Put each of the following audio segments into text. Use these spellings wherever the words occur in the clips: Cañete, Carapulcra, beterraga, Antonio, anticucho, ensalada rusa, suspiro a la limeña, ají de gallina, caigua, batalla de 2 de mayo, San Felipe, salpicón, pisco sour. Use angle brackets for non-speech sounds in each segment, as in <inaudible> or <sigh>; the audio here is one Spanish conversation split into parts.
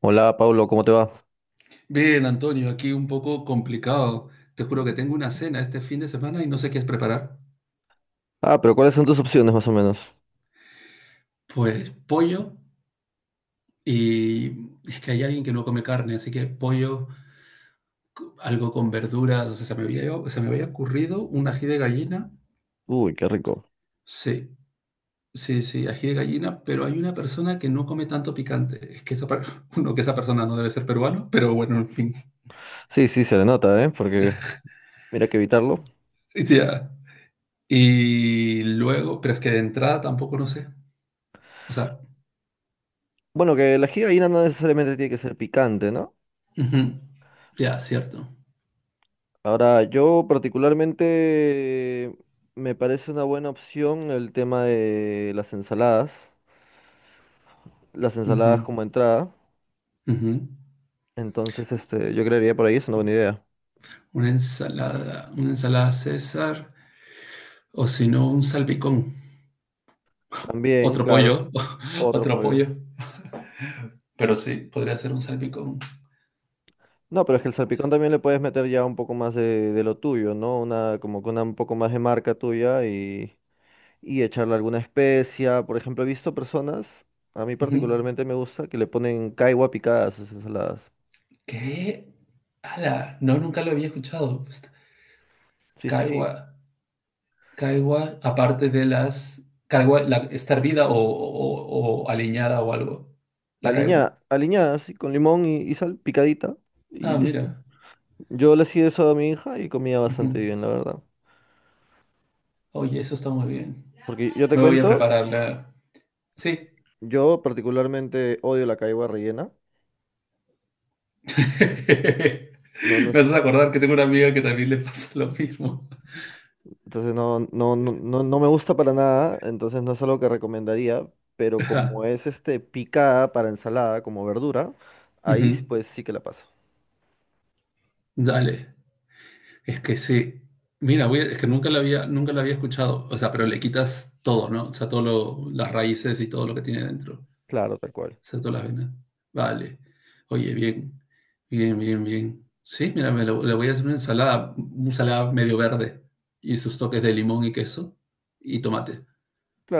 Hola, Pablo, ¿cómo te va? Bien, Antonio, aquí un poco complicado. Te juro que tengo una cena este fin de semana y no sé qué es preparar. Ah, pero ¿cuáles son tus opciones más o menos? Pues pollo y es que hay alguien que no come carne, así que pollo, algo con verduras, o sea, se me había ocurrido un ají de gallina. Uy, qué rico. Sí, sí, sí, ají de gallina, pero hay una persona que no come tanto picante. Es que esa, <laughs> uno, que esa persona no debe ser peruano, pero bueno, en fin. <laughs> Sí, sí, se le nota, ¿eh? Porque mira que evitarlo. Ya. Y luego, pero es que de entrada tampoco no sé. O sea, Bueno, que la ají de gallina no necesariamente tiene que ser picante, ¿no? ujú, ya, cierto. Ahora, yo particularmente me parece una buena opción el tema de las ensaladas. Las Ujú, ensaladas como entrada. ujú. Entonces, este, yo creería por ahí es una buena idea. Una ensalada César, o si no, un salpicón. También, Otro claro, pollo, <laughs> otro otro pollo. pollo. Pero sí, podría ser un salpicón. No, pero es que el salpicón también le puedes meter ya un poco más de lo tuyo, ¿no? Una, como que una un poco más de marca tuya y echarle alguna especia. Por ejemplo, he visto personas, a mí Ujú. particularmente me gusta, que le ponen caigua picada a sus ensaladas. ¿Qué? ¡Hala! No, nunca lo había escuchado. Sí, sí, sí. Caigua, caigua, aparte de las... Caigua, la, ¿está hervida o aliñada o algo? ¿La caigua? Aliñada, aliñada, así, con limón y sal, picadita, y Ah, listo. mira. Yo le hacía eso a mi hija y comía Ujú. bastante bien, la verdad. Oye, eso está muy bien. Porque yo te Me voy a cuento, prepararla. Sí. yo particularmente odio la caigua rellena. No, <laughs> no. Me haces acordar que tengo una amiga que también le pasa lo mismo. Entonces no, no, no, no me gusta para nada, entonces no es algo que recomendaría, pero como Ajá. es este picada para ensalada como verdura, ahí Ujú. pues sí que la paso. Dale. Es que sí. Mira, es que nunca la había escuchado. O sea, pero le quitas todo, ¿no? O sea, las raíces y todo lo que tiene dentro. O Claro, tal cual. sea, todas las venas. Vale. Oye, bien. Bien, bien, bien. Sí, mira, le voy a hacer una ensalada medio verde y sus toques de limón y queso y tomate.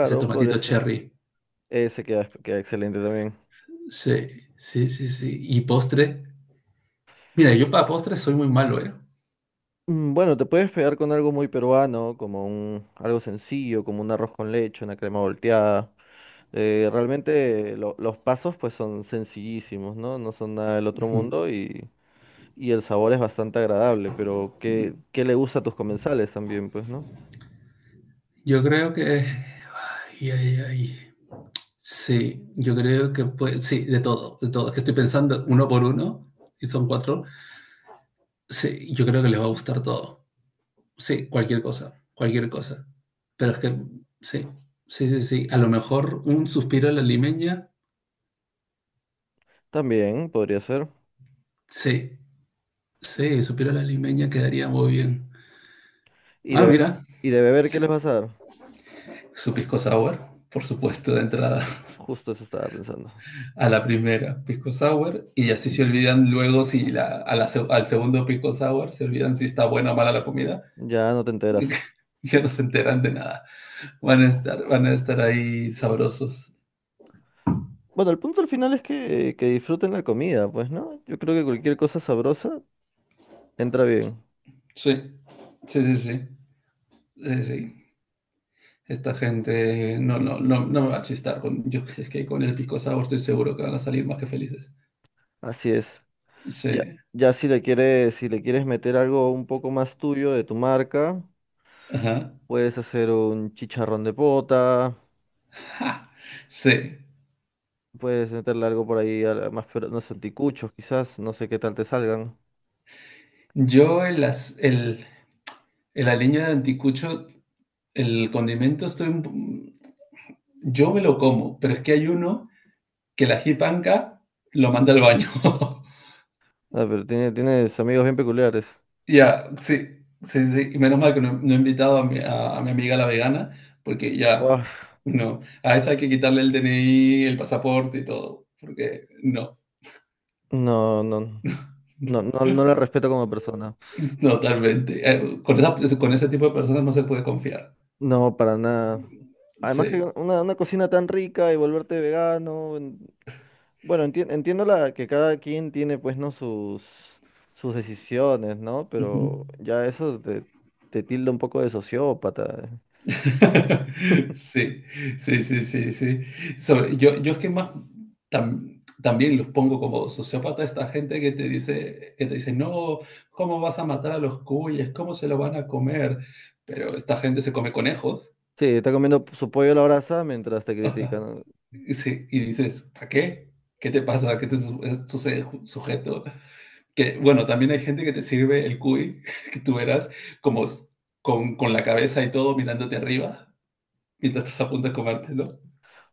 Ese podría tomatito ser. cherry. Ese queda, queda excelente también. Sí, sí, sí, sí. Y postre. Mira, yo para postres soy muy malo, ¿eh? Bueno, te puedes pegar con algo muy peruano, como un, algo sencillo, como un arroz con leche, una crema volteada. Realmente los pasos pues son sencillísimos, ¿no? No son nada del otro Ujú. mundo. Y el sabor es bastante agradable, pero ¿qué, qué le gusta a tus comensales también, pues, ¿no? Yo creo que... Ay, ay, ay. Sí, yo creo que puede... Sí, de todo, de todo. Es que estoy pensando uno por uno y son cuatro. Sí, yo creo que les va a gustar todo. Sí, cualquier cosa, cualquier cosa. Pero es que, sí, sí, sí, sí. A lo mejor un suspiro a la limeña. También podría ser. Sí, sí, suspiro a la limeña quedaría muy bien. ¿Y Ah, mira, y de beber qué les sí. vas a dar? Su pisco sour, por supuesto, de entrada. Justo eso estaba pensando. A la primera pisco sour y así se olvidan luego si la, a la al segundo pisco sour se olvidan si está buena o mala la comida. Ya no te enteras. <laughs> Ya no se enteran de nada. Van a estar ahí sabrosos. Bueno, el punto al final es que disfruten la comida, pues, ¿no? Yo creo que cualquier cosa sabrosa entra bien. Sí, sí, sí, sí. Sí, sí. Esta gente no, no, no, no me va a chistar. Con, yo, es que con el pisco sour estoy seguro que van a salir más que felices. Así es. Sí. Ya, ya si le quieres, si le quieres meter algo un poco más tuyo de tu marca, Ajá. puedes hacer un chicharrón de pota. Ja. Sí. Puedes meterle algo por ahí, más pero no sé, anticuchos quizás, no sé qué tal te salgan. Yo el, el aliño de anticucho, el condimento, estoy un, yo me lo como, pero es que hay uno que la jipanca lo manda al baño. <laughs> Ah, pero tiene, tienes amigos bien peculiares. Ya, sí, sí, sí. Y menos mal que no, no he invitado a a mi amiga la vegana, porque ya, Uaf, no. A esa hay que quitarle el DNI, el pasaporte y todo, porque no, no, no, no, <laughs> no, no la respeto como persona. totalmente. Con ese tipo de personas no se puede confiar. No, para nada. Además que Sí. Una cocina tan rica y volverte vegano. Bueno, entiendo la, que cada quien tiene pues no sus, sus decisiones, ¿no? Ujú. Pero ya eso te, te tilda un poco de sociópata. <laughs> <laughs> Sí, sí, sí, sí, sí. Sobre, yo es que más también los pongo como sociópata a esta gente que te dice, no, ¿cómo vas a matar a los cuyes? ¿Cómo se lo van a comer? Pero esta gente se come conejos. Sí, está comiendo su pollo a la brasa mientras te <laughs> critican. Y, sí, y dices, ¿para qué? ¿Qué te pasa? Sucede, sujeto? Que bueno, también hay gente que te sirve el cuy, <laughs> que tú verás como s- con la cabeza y todo mirándote arriba mientras estás a punto de comértelo.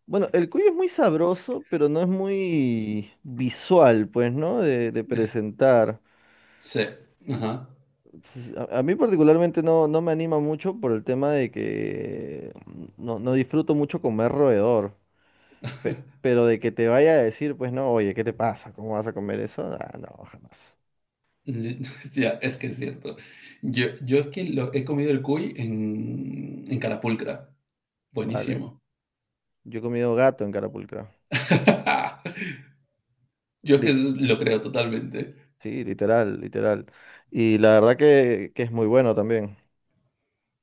Bueno, el cuyo es muy sabroso, pero no es muy visual, pues, ¿no? De presentar. Sí, ajá. A mí particularmente no, no me anima mucho por el tema de que no, no disfruto mucho comer roedor. <laughs> Pero de que te vaya a decir, pues, no, oye, ¿qué te pasa? ¿Cómo vas a comer eso? Ah, no, jamás. Ya, es que es cierto. Yo es que lo, he comido el cuy en Carapulcra. Vale. Buenísimo. Yo he comido gato en Carapulcra. <laughs> Yo es que Li- lo creo totalmente. sí, literal, literal. Y la verdad que es muy bueno también.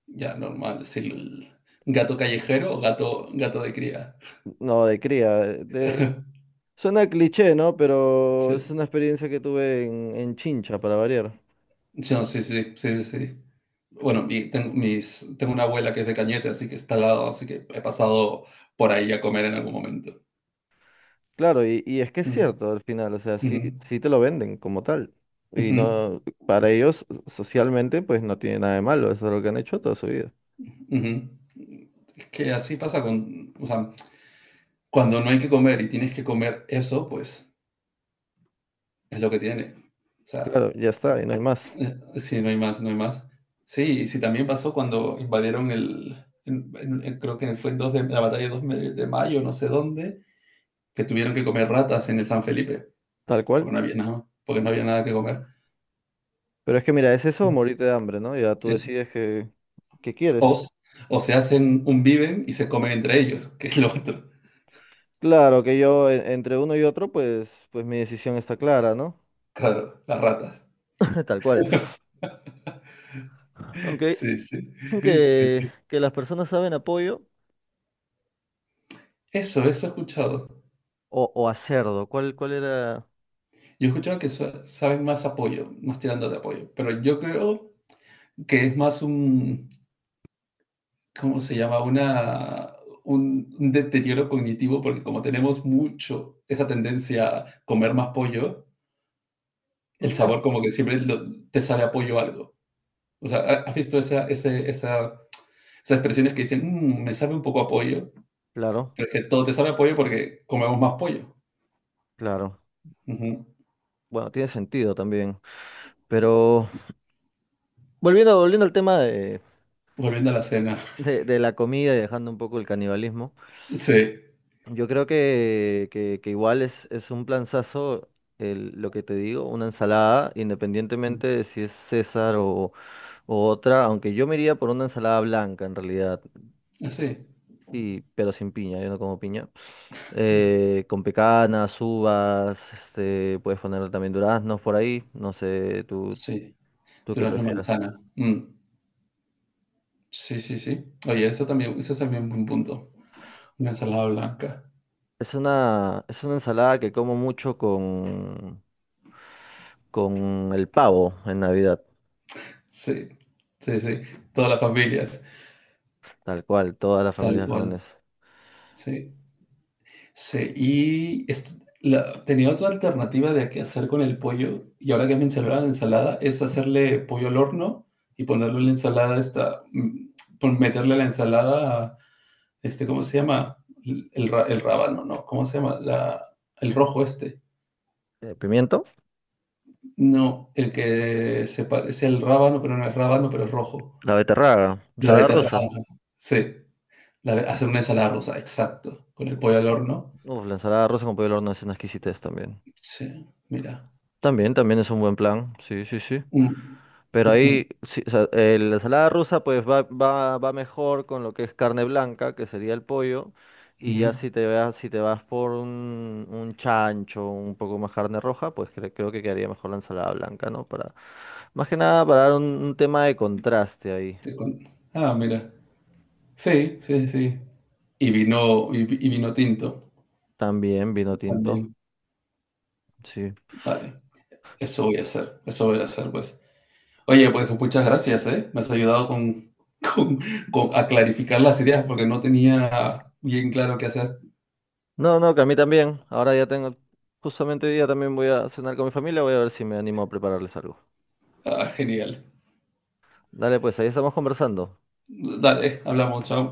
Ya, normal. Es el gato callejero o gato, gato de cría. No, de cría. <laughs> Suena cliché, ¿no? Sí, Pero es una experiencia que tuve en Chincha, para variar. no, sí, sí, sí, sí, sí. Bueno, tengo, tengo una abuela que es de Cañete, así que está al lado, así que he pasado por ahí a comer en algún momento. Claro, y es que es Mm, cierto al final, o sea, sí, ujú, sí te lo venden como tal. Y ujú. no, para ellos, socialmente, pues no tiene nada de malo, eso es lo que han hecho toda su vida. Ujú. Es que así pasa con, o sea, cuando no hay que comer y tienes que comer eso, pues es lo que tiene. O sea, Claro, ya está, y no hay más, sí, no hay más, no hay más. Sí, y sí, también pasó cuando invadieron el, creo que fue en, 2 de, la batalla de 2 de mayo, no sé dónde, que tuvieron que comer ratas en el San Felipe, tal porque cual. no había nada, porque no había nada que comer. Pero es que mira, es eso o Mm, morirte de hambre, ¿no? Ya tú eso. decides que quieres. O, s- o se hacen un viven y se comen entre ellos, que es lo otro. Claro que yo, entre uno y otro, pues, pues mi decisión está clara, ¿no? Claro, las ratas. <laughs> Tal cual. Aunque Sí, sí, dicen sí, sí. que las personas saben apoyo. Eso he escuchado. O a cerdo, ¿cuál, cuál era? Yo he escuchado que saben más apoyo, más tirando de apoyo, pero yo creo que es más un, ¿cómo se llama? Una, un deterioro cognitivo, porque como tenemos mucho esa tendencia a comer más pollo, el Eh, sabor como que siempre te sabe a pollo algo. O sea, ¿has visto esa, esas expresiones que dicen, "Mm, me sabe un poco a pollo? claro, Pero es que todo te sabe a pollo porque comemos más pollo. claro. Ujú. Bueno, tiene sentido también. Pero volviendo, volviendo al tema Volviendo a la cena. De la comida y dejando un poco el canibalismo, <laughs> Sí. yo creo que igual es un planzazo el, lo que te digo, una ensalada, independientemente de si es César o otra, aunque yo me iría por una ensalada blanca en realidad. Así. Sí, pero sin piña, yo no como piña. Con pecanas, uvas, este, puedes poner también duraznos por ahí, no sé, tú, Sí. tú qué Durazno, prefieras. manzana. Mm, sí, sí, sí. Oye, eso también es un buen punto. Una ensalada blanca. Es una ensalada que como mucho con el pavo en Navidad, Sí, sí, sí. Todas las familias, tal cual, todas las tal familias cual. jóvenes. Sí, sí. Y tenía otra alternativa de qué hacer con el pollo, y ahora que me mencionaba la ensalada, es hacerle pollo al horno y ponerle en la ensalada esta, mm, meterle a la ensalada, este, ¿cómo se llama? El rábano, ¿no? ¿Cómo se llama? La, el rojo este. Pimiento, No, el que se parece al rábano, pero no es rábano, pero es rojo. la beterraga, La ensalada beterraga, rosa. sí. Hacer una ensalada rusa, exacto. Con el pollo al horno. Uf, la ensalada rosa con pollo al horno es una exquisitez también. Sí, mira. También, también es un buen plan, sí, sí, sí. Mm, Pero ujú, ahí, sí, o sea, la ensalada rusa pues va, va, va mejor con lo que es carne blanca, que sería el pollo, y ya ujú. si te vas, si te vas por un chancho, un poco más carne roja, pues creo que quedaría mejor la ensalada blanca, ¿no? Para, más que nada para dar un tema de contraste ahí. Sí, ah, mira. Sí, sí, sí. Y vino, y vino tinto También vino tinto, también. sí. Vale, eso voy a hacer, eso voy a hacer, pues. Oye, pues muchas gracias, ¿eh? Me has ayudado con, <laughs> con, a clarificar las ideas porque no tenía bien claro qué hacer. No, no, que a mí también. Ahora ya tengo, justamente hoy día también voy a cenar con mi familia, voy a ver si me animo a prepararles algo. Ah, genial. Dale, pues ahí estamos conversando. Dale, hablamos, chao.